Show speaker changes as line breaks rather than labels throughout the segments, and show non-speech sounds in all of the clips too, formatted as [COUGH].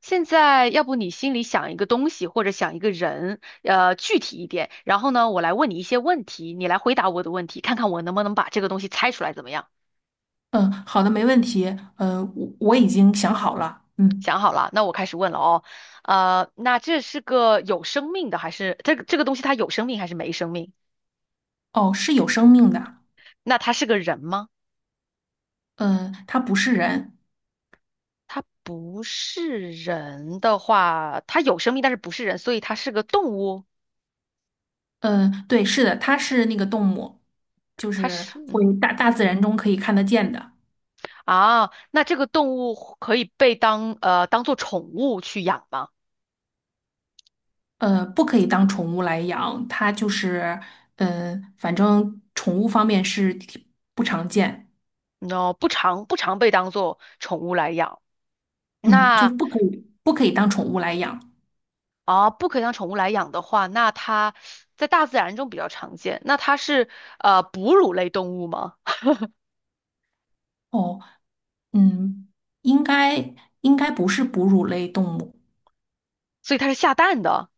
现在，要不你心里想一个东西或者想一个人，具体一点，然后呢，我来问你一些问题，你来回答我的问题，看看我能不能把这个东西猜出来，怎么样？
嗯，好的，没问题。我已经想好了。嗯，
想好了，那我开始问了哦。那这是个有生命的，还是这个东西它有生命还是没生命？
哦，是有生命的。
那它是个人吗？
嗯，它不是人。
它不是人的话，它有生命，但是不是人，所以它是个动物。
嗯，对，是的，它是那个动物，就
它
是
是，
会
嗯，
大自然中可以看得见的。
啊，那这个动物可以被当当做宠物去养吗？
不可以当宠物来养，它就是，嗯，反正宠物方面是挺不常见。
你知道不常被当做宠物来养。
嗯，就
那
是不可以当宠物来养。
啊，不可以当宠物来养的话，那它在大自然中比较常见。那它是哺乳类动物吗？
哦，嗯，应该应该不是哺乳类动物。
所以它是下蛋的，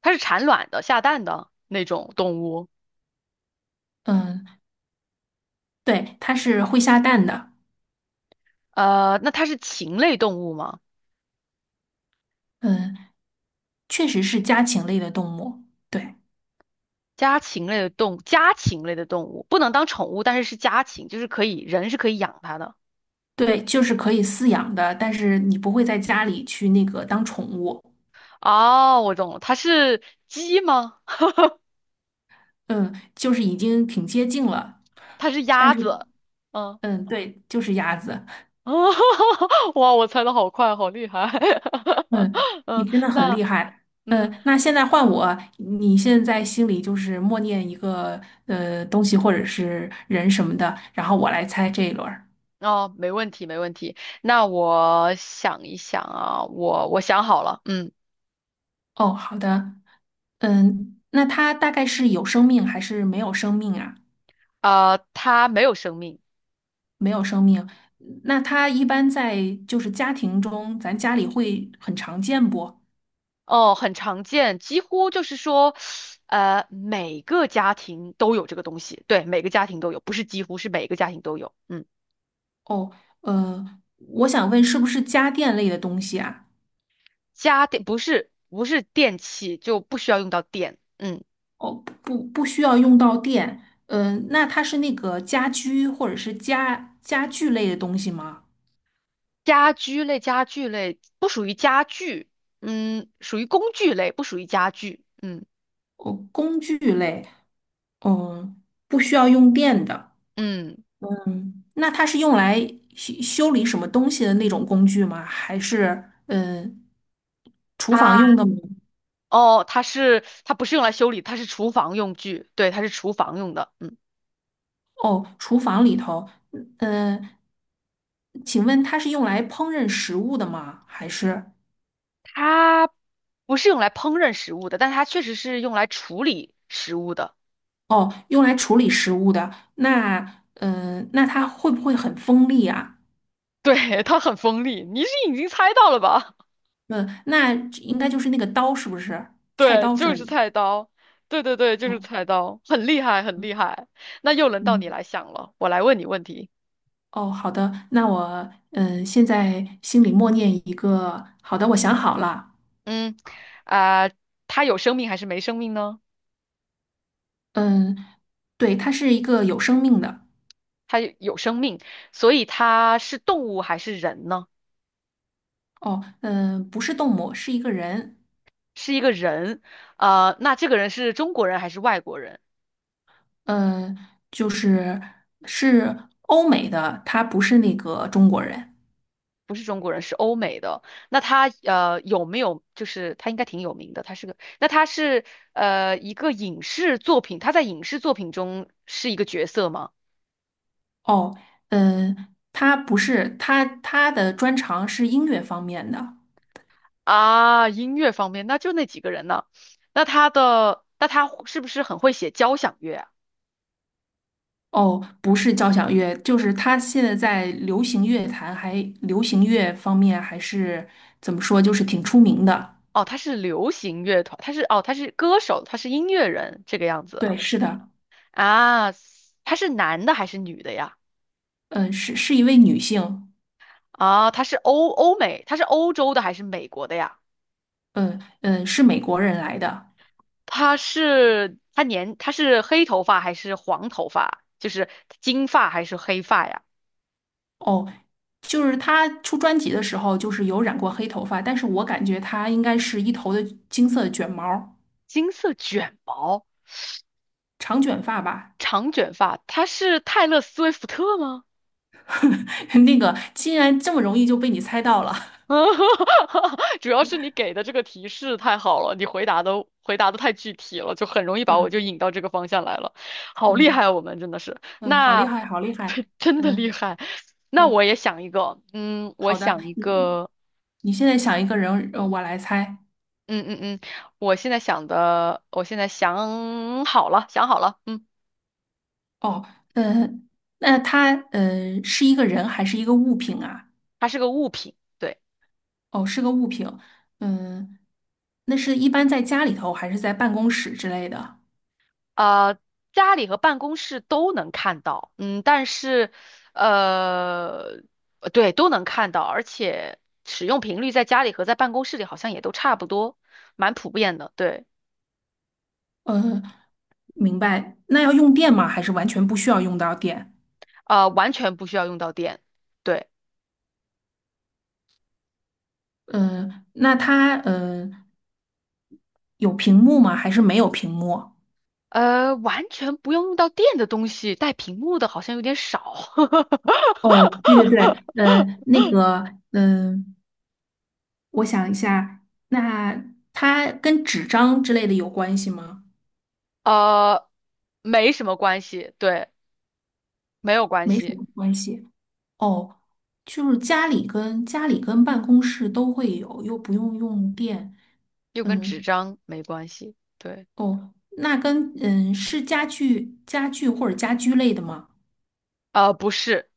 它是产卵的、下蛋的那种动物。
嗯，对，它是会下蛋的。
那它是禽类动物吗？
嗯。确实是家禽类的动物，对
家禽类的动物不能当宠物，但是是家禽，就是可以人是可以养它的。
对，就是可以饲养的，但是你不会在家里去那个当宠物。
哦，我懂了，它是鸡吗？
嗯，就是已经挺接近了，
它是
但
鸭
是
子。嗯。
嗯，对，就是鸭子。
哦，[LAUGHS] 哇，我猜的好快，好厉害。
嗯，
[LAUGHS]
你
嗯，
真的很
那
厉害。
嗯，
嗯，那现在换我，你现在心里就是默念一个东西或者是人什么的，然后我来猜这一轮儿。
哦，没问题，没问题。那我想一想啊，我想好了，嗯，
哦，好的。嗯，那它大概是有生命还是没有生命啊？
它没有生命，
没有生命。那它一般在就是家庭中，咱家里会很常见不？
哦，很常见，几乎就是说，每个家庭都有这个东西，对，每个家庭都有，不是几乎，是每个家庭都有。嗯，
哦，我想问，是不是家电类的东西啊？
家电不是电器，就不需要用到电。嗯。
哦，不不，需要用到电。嗯，那它是那个家居或者是家具类的东西吗？
家具类不属于家具，嗯，属于工具类，不属于家具，嗯
哦，工具类，嗯，不需要用电的。
嗯，
嗯，那它是用来修理什么东西的那种工具吗？还是厨房用
它
的吗？
哦，它不是用来修理，它是厨房用具，对，它是厨房用的，嗯，
哦，厨房里头，嗯，请问它是用来烹饪食物的吗？还是
它不是用来烹饪食物的，但它确实是用来处理食物的，
哦，用来处理食物的？那，嗯，那它会不会很锋利啊？
对，它很锋利，你是已经猜到了吧？[LAUGHS]
嗯，那应该就是那个刀，是不是？菜
对，
刀之
就
类
是
的。
菜刀，对对对，就是
哦，
菜刀，很厉害，很厉害。那又轮到你
嗯，
来想了，我来问你问题。
哦，好的，那我，嗯，现在心里默念一个，好的，我想好了。
嗯，啊、他有生命还是没生命呢？
嗯，对，它是一个有生命的。
有生命，所以他是动物还是人呢？
哦，嗯，不是动物，是一个人。
是一个人，啊，那这个人是中国人还是外国人？
呃，就是是欧美的，他不是那个中国人。
不是中国人，是欧美的。那他有没有就是他应该挺有名的，他是个，那他是一个影视作品，他在影视作品中是一个角色吗？
哦，呃，他不是他的专长是音乐方面的。
啊，音乐方面，那就那几个人呢？那他是不是很会写交响乐啊？
哦，不是交响乐，就是他现在在流行乐坛还流行乐方面还是怎么说，就是挺出名的。
哦，他是流行乐团，他是歌手，他是音乐人这个样子
对，
啊。
是的。
啊他是男的还是女的呀？
嗯、是一位女性。
啊，他是欧欧美，他是欧洲的还是美国的呀？
嗯、是美国人来的。
他是黑头发还是黄头发？就是金发还是黑发呀？
哦，就是他出专辑的时候，就是有染过黑头发，但是我感觉他应该是一头的金色的卷毛儿
金色卷毛，
长卷发吧。
长卷发，他是泰勒·斯威夫特吗？
[LAUGHS] 那个竟然这么容易就被你猜到了。
[LAUGHS] 主要是你给的这个提示太好了，你回答的回答的太具体了，就很容易
[LAUGHS]
把我就
嗯
引到这个方向来了，好厉害
嗯
啊，我们真的是，
嗯,好
那
厉害，好厉害。
[LAUGHS] 真的厉
嗯
害。那我
嗯，
也想一个，嗯，我
好的，
想一
你
个，
你现在想一个人，呃，我来猜。
嗯嗯嗯，我现在想好了，想好了，嗯，
哦，呃，那他是一个人还是一个物品啊？
它是个物品，对。
哦，是个物品。嗯，那是一般在家里头还是在办公室之类的？
呃，家里和办公室都能看到，嗯，但是，呃，对，都能看到，而且使用频率在家里和在办公室里好像也都差不多，蛮普遍的，对，
嗯。明白。那要用电吗？还是完全不需要用到电？
完全不需要用到电，对，
嗯、那它有屏幕吗？还是没有屏幕？
完全不用用到电的东西，带屏幕的好像有点少，
哦，对对对，那个，嗯、我想一下，那它跟纸张之类的有关系吗？
[LAUGHS] 呃，没什么关系，对，没有关
没什
系，
么关系。哦，就是家里跟办公室都会有，又不用用电。
又跟纸
嗯，
张没关系，对，
哦，那跟是家具或者家居类的吗？
不是。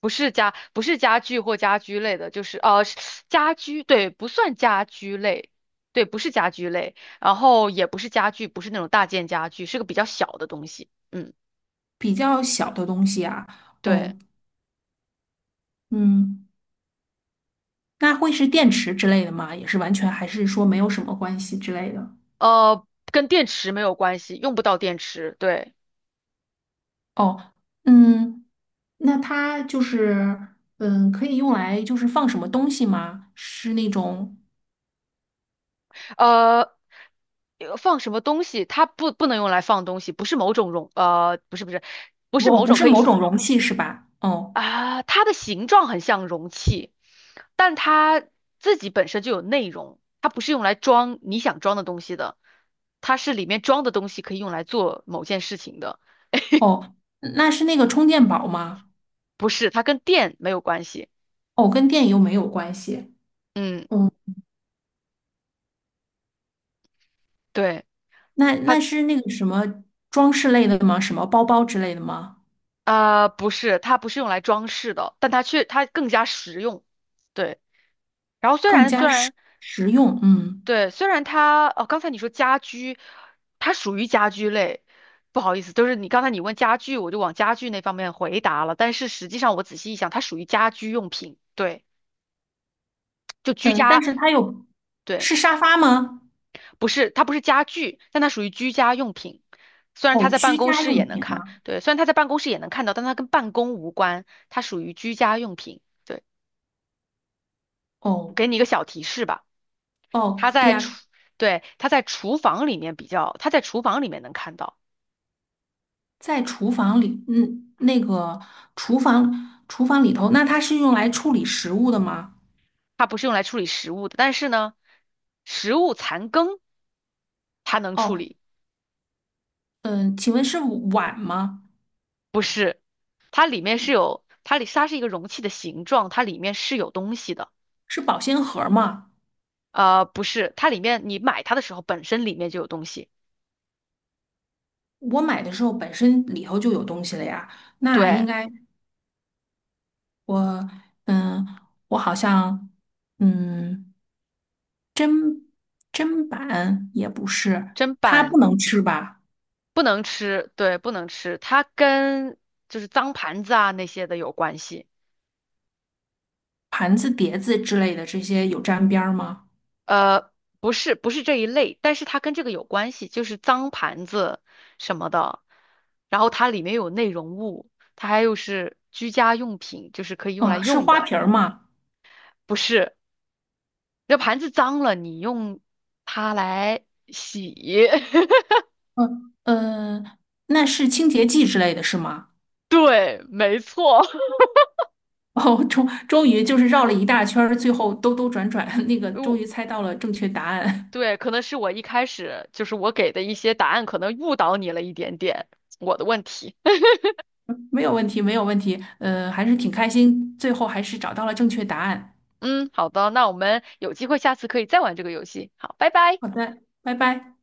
不是家具或家居类的，就是家居，对，不算家居类，对，不是家居类，然后也不是家具，不是那种大件家具，是个比较小的东西，嗯，
比较小的东西啊，
对，
哦，嗯，那会是电池之类的吗？也是完全还是说没有什么关系之类的？
呃，跟电池没有关系，用不到电池，对，
哦，嗯，那它就是，嗯，可以用来就是放什么东西吗？是那种，
呃放什么东西？它不能用来放东西，不是某种容，呃，不是不是，不是
哦，
某
不
种
是
可以。
某种容器是吧？哦
啊，它的形状很像容器，但它自己本身就有内容，它不是用来装你想装的东西的，它是里面装的东西可以用来做某件事情的，
哦，嗯那是那个充电宝吗？
不是，它跟电没有关系。
哦，跟电又没有关系。
嗯，
嗯，
对，
那那
它
是那个什么装饰类的吗？什么包包之类的吗？
不是，它不是用来装饰的，但它却它更加实用。对，然后虽
更
然
加
虽
实
然
实用，嗯。
对，虽然它哦，刚才你说家居，它属于家居类，不好意思，就是你刚才你问家具，我就往家具那方面回答了，但是实际上我仔细一想，它属于家居用品，对，就居
嗯，但
家，
是它有，
对，
是沙发吗？
不是，它不是家具，但它属于居家用品。虽然它
哦，
在办
居
公
家
室也
用
能
品
看，
啊。
对，虽然它在办公室也能看到，但它跟办公无关，它属于居家用品。对，
哦
给你一个小提示吧，
哦，
它
对
在
啊，
厨，对，它在厨房里面比较，它在厨房里面能看到。
在厨房里，嗯，那个厨房里头，那它是用来处理食物的吗？
它不是用来处理食物的，但是呢，食物残羹它能处
哦，
理，
嗯，请问是碗吗？
不是，它里它是一个容器的形状，它里面是有东西的，
是保鲜盒吗？
不是，它里面你买它的时候本身里面就有东西，
我买的时候本身里头就有东西了呀，那应
对，
该我嗯，我好像嗯，砧砧板也不是，
砧
它
板
不能吃吧？
不能吃，对，不能吃，就是脏盘子啊那些的有关系。
盘子、碟子之类的这些有沾边儿吗？
呃，不是这一类，但是它跟这个有关系，就是脏盘子什么的，然后它里面有内容物，它还有是居家用品，就是可以用来
嗯，是
用
花
的，
瓶儿吗？
不是，这盘子脏了，你用它来洗，
嗯，呃，那是清洁剂之类的是吗？
[LAUGHS] 对，没错，
哦，终于就是绕了一大圈儿，最后兜兜转转，[LAUGHS] 那个
[LAUGHS]
终
我
于猜到了正确答案。
对，可能是我一开始就是我给的一些答案可能误导你了一点点，我的问题，
[LAUGHS] 没有问题，没有问题，还是挺开心，最后还是找到了正确答案。
[LAUGHS] 嗯，好的，那我们有机会下次可以再玩这个游戏，好，拜拜。
好的，拜拜。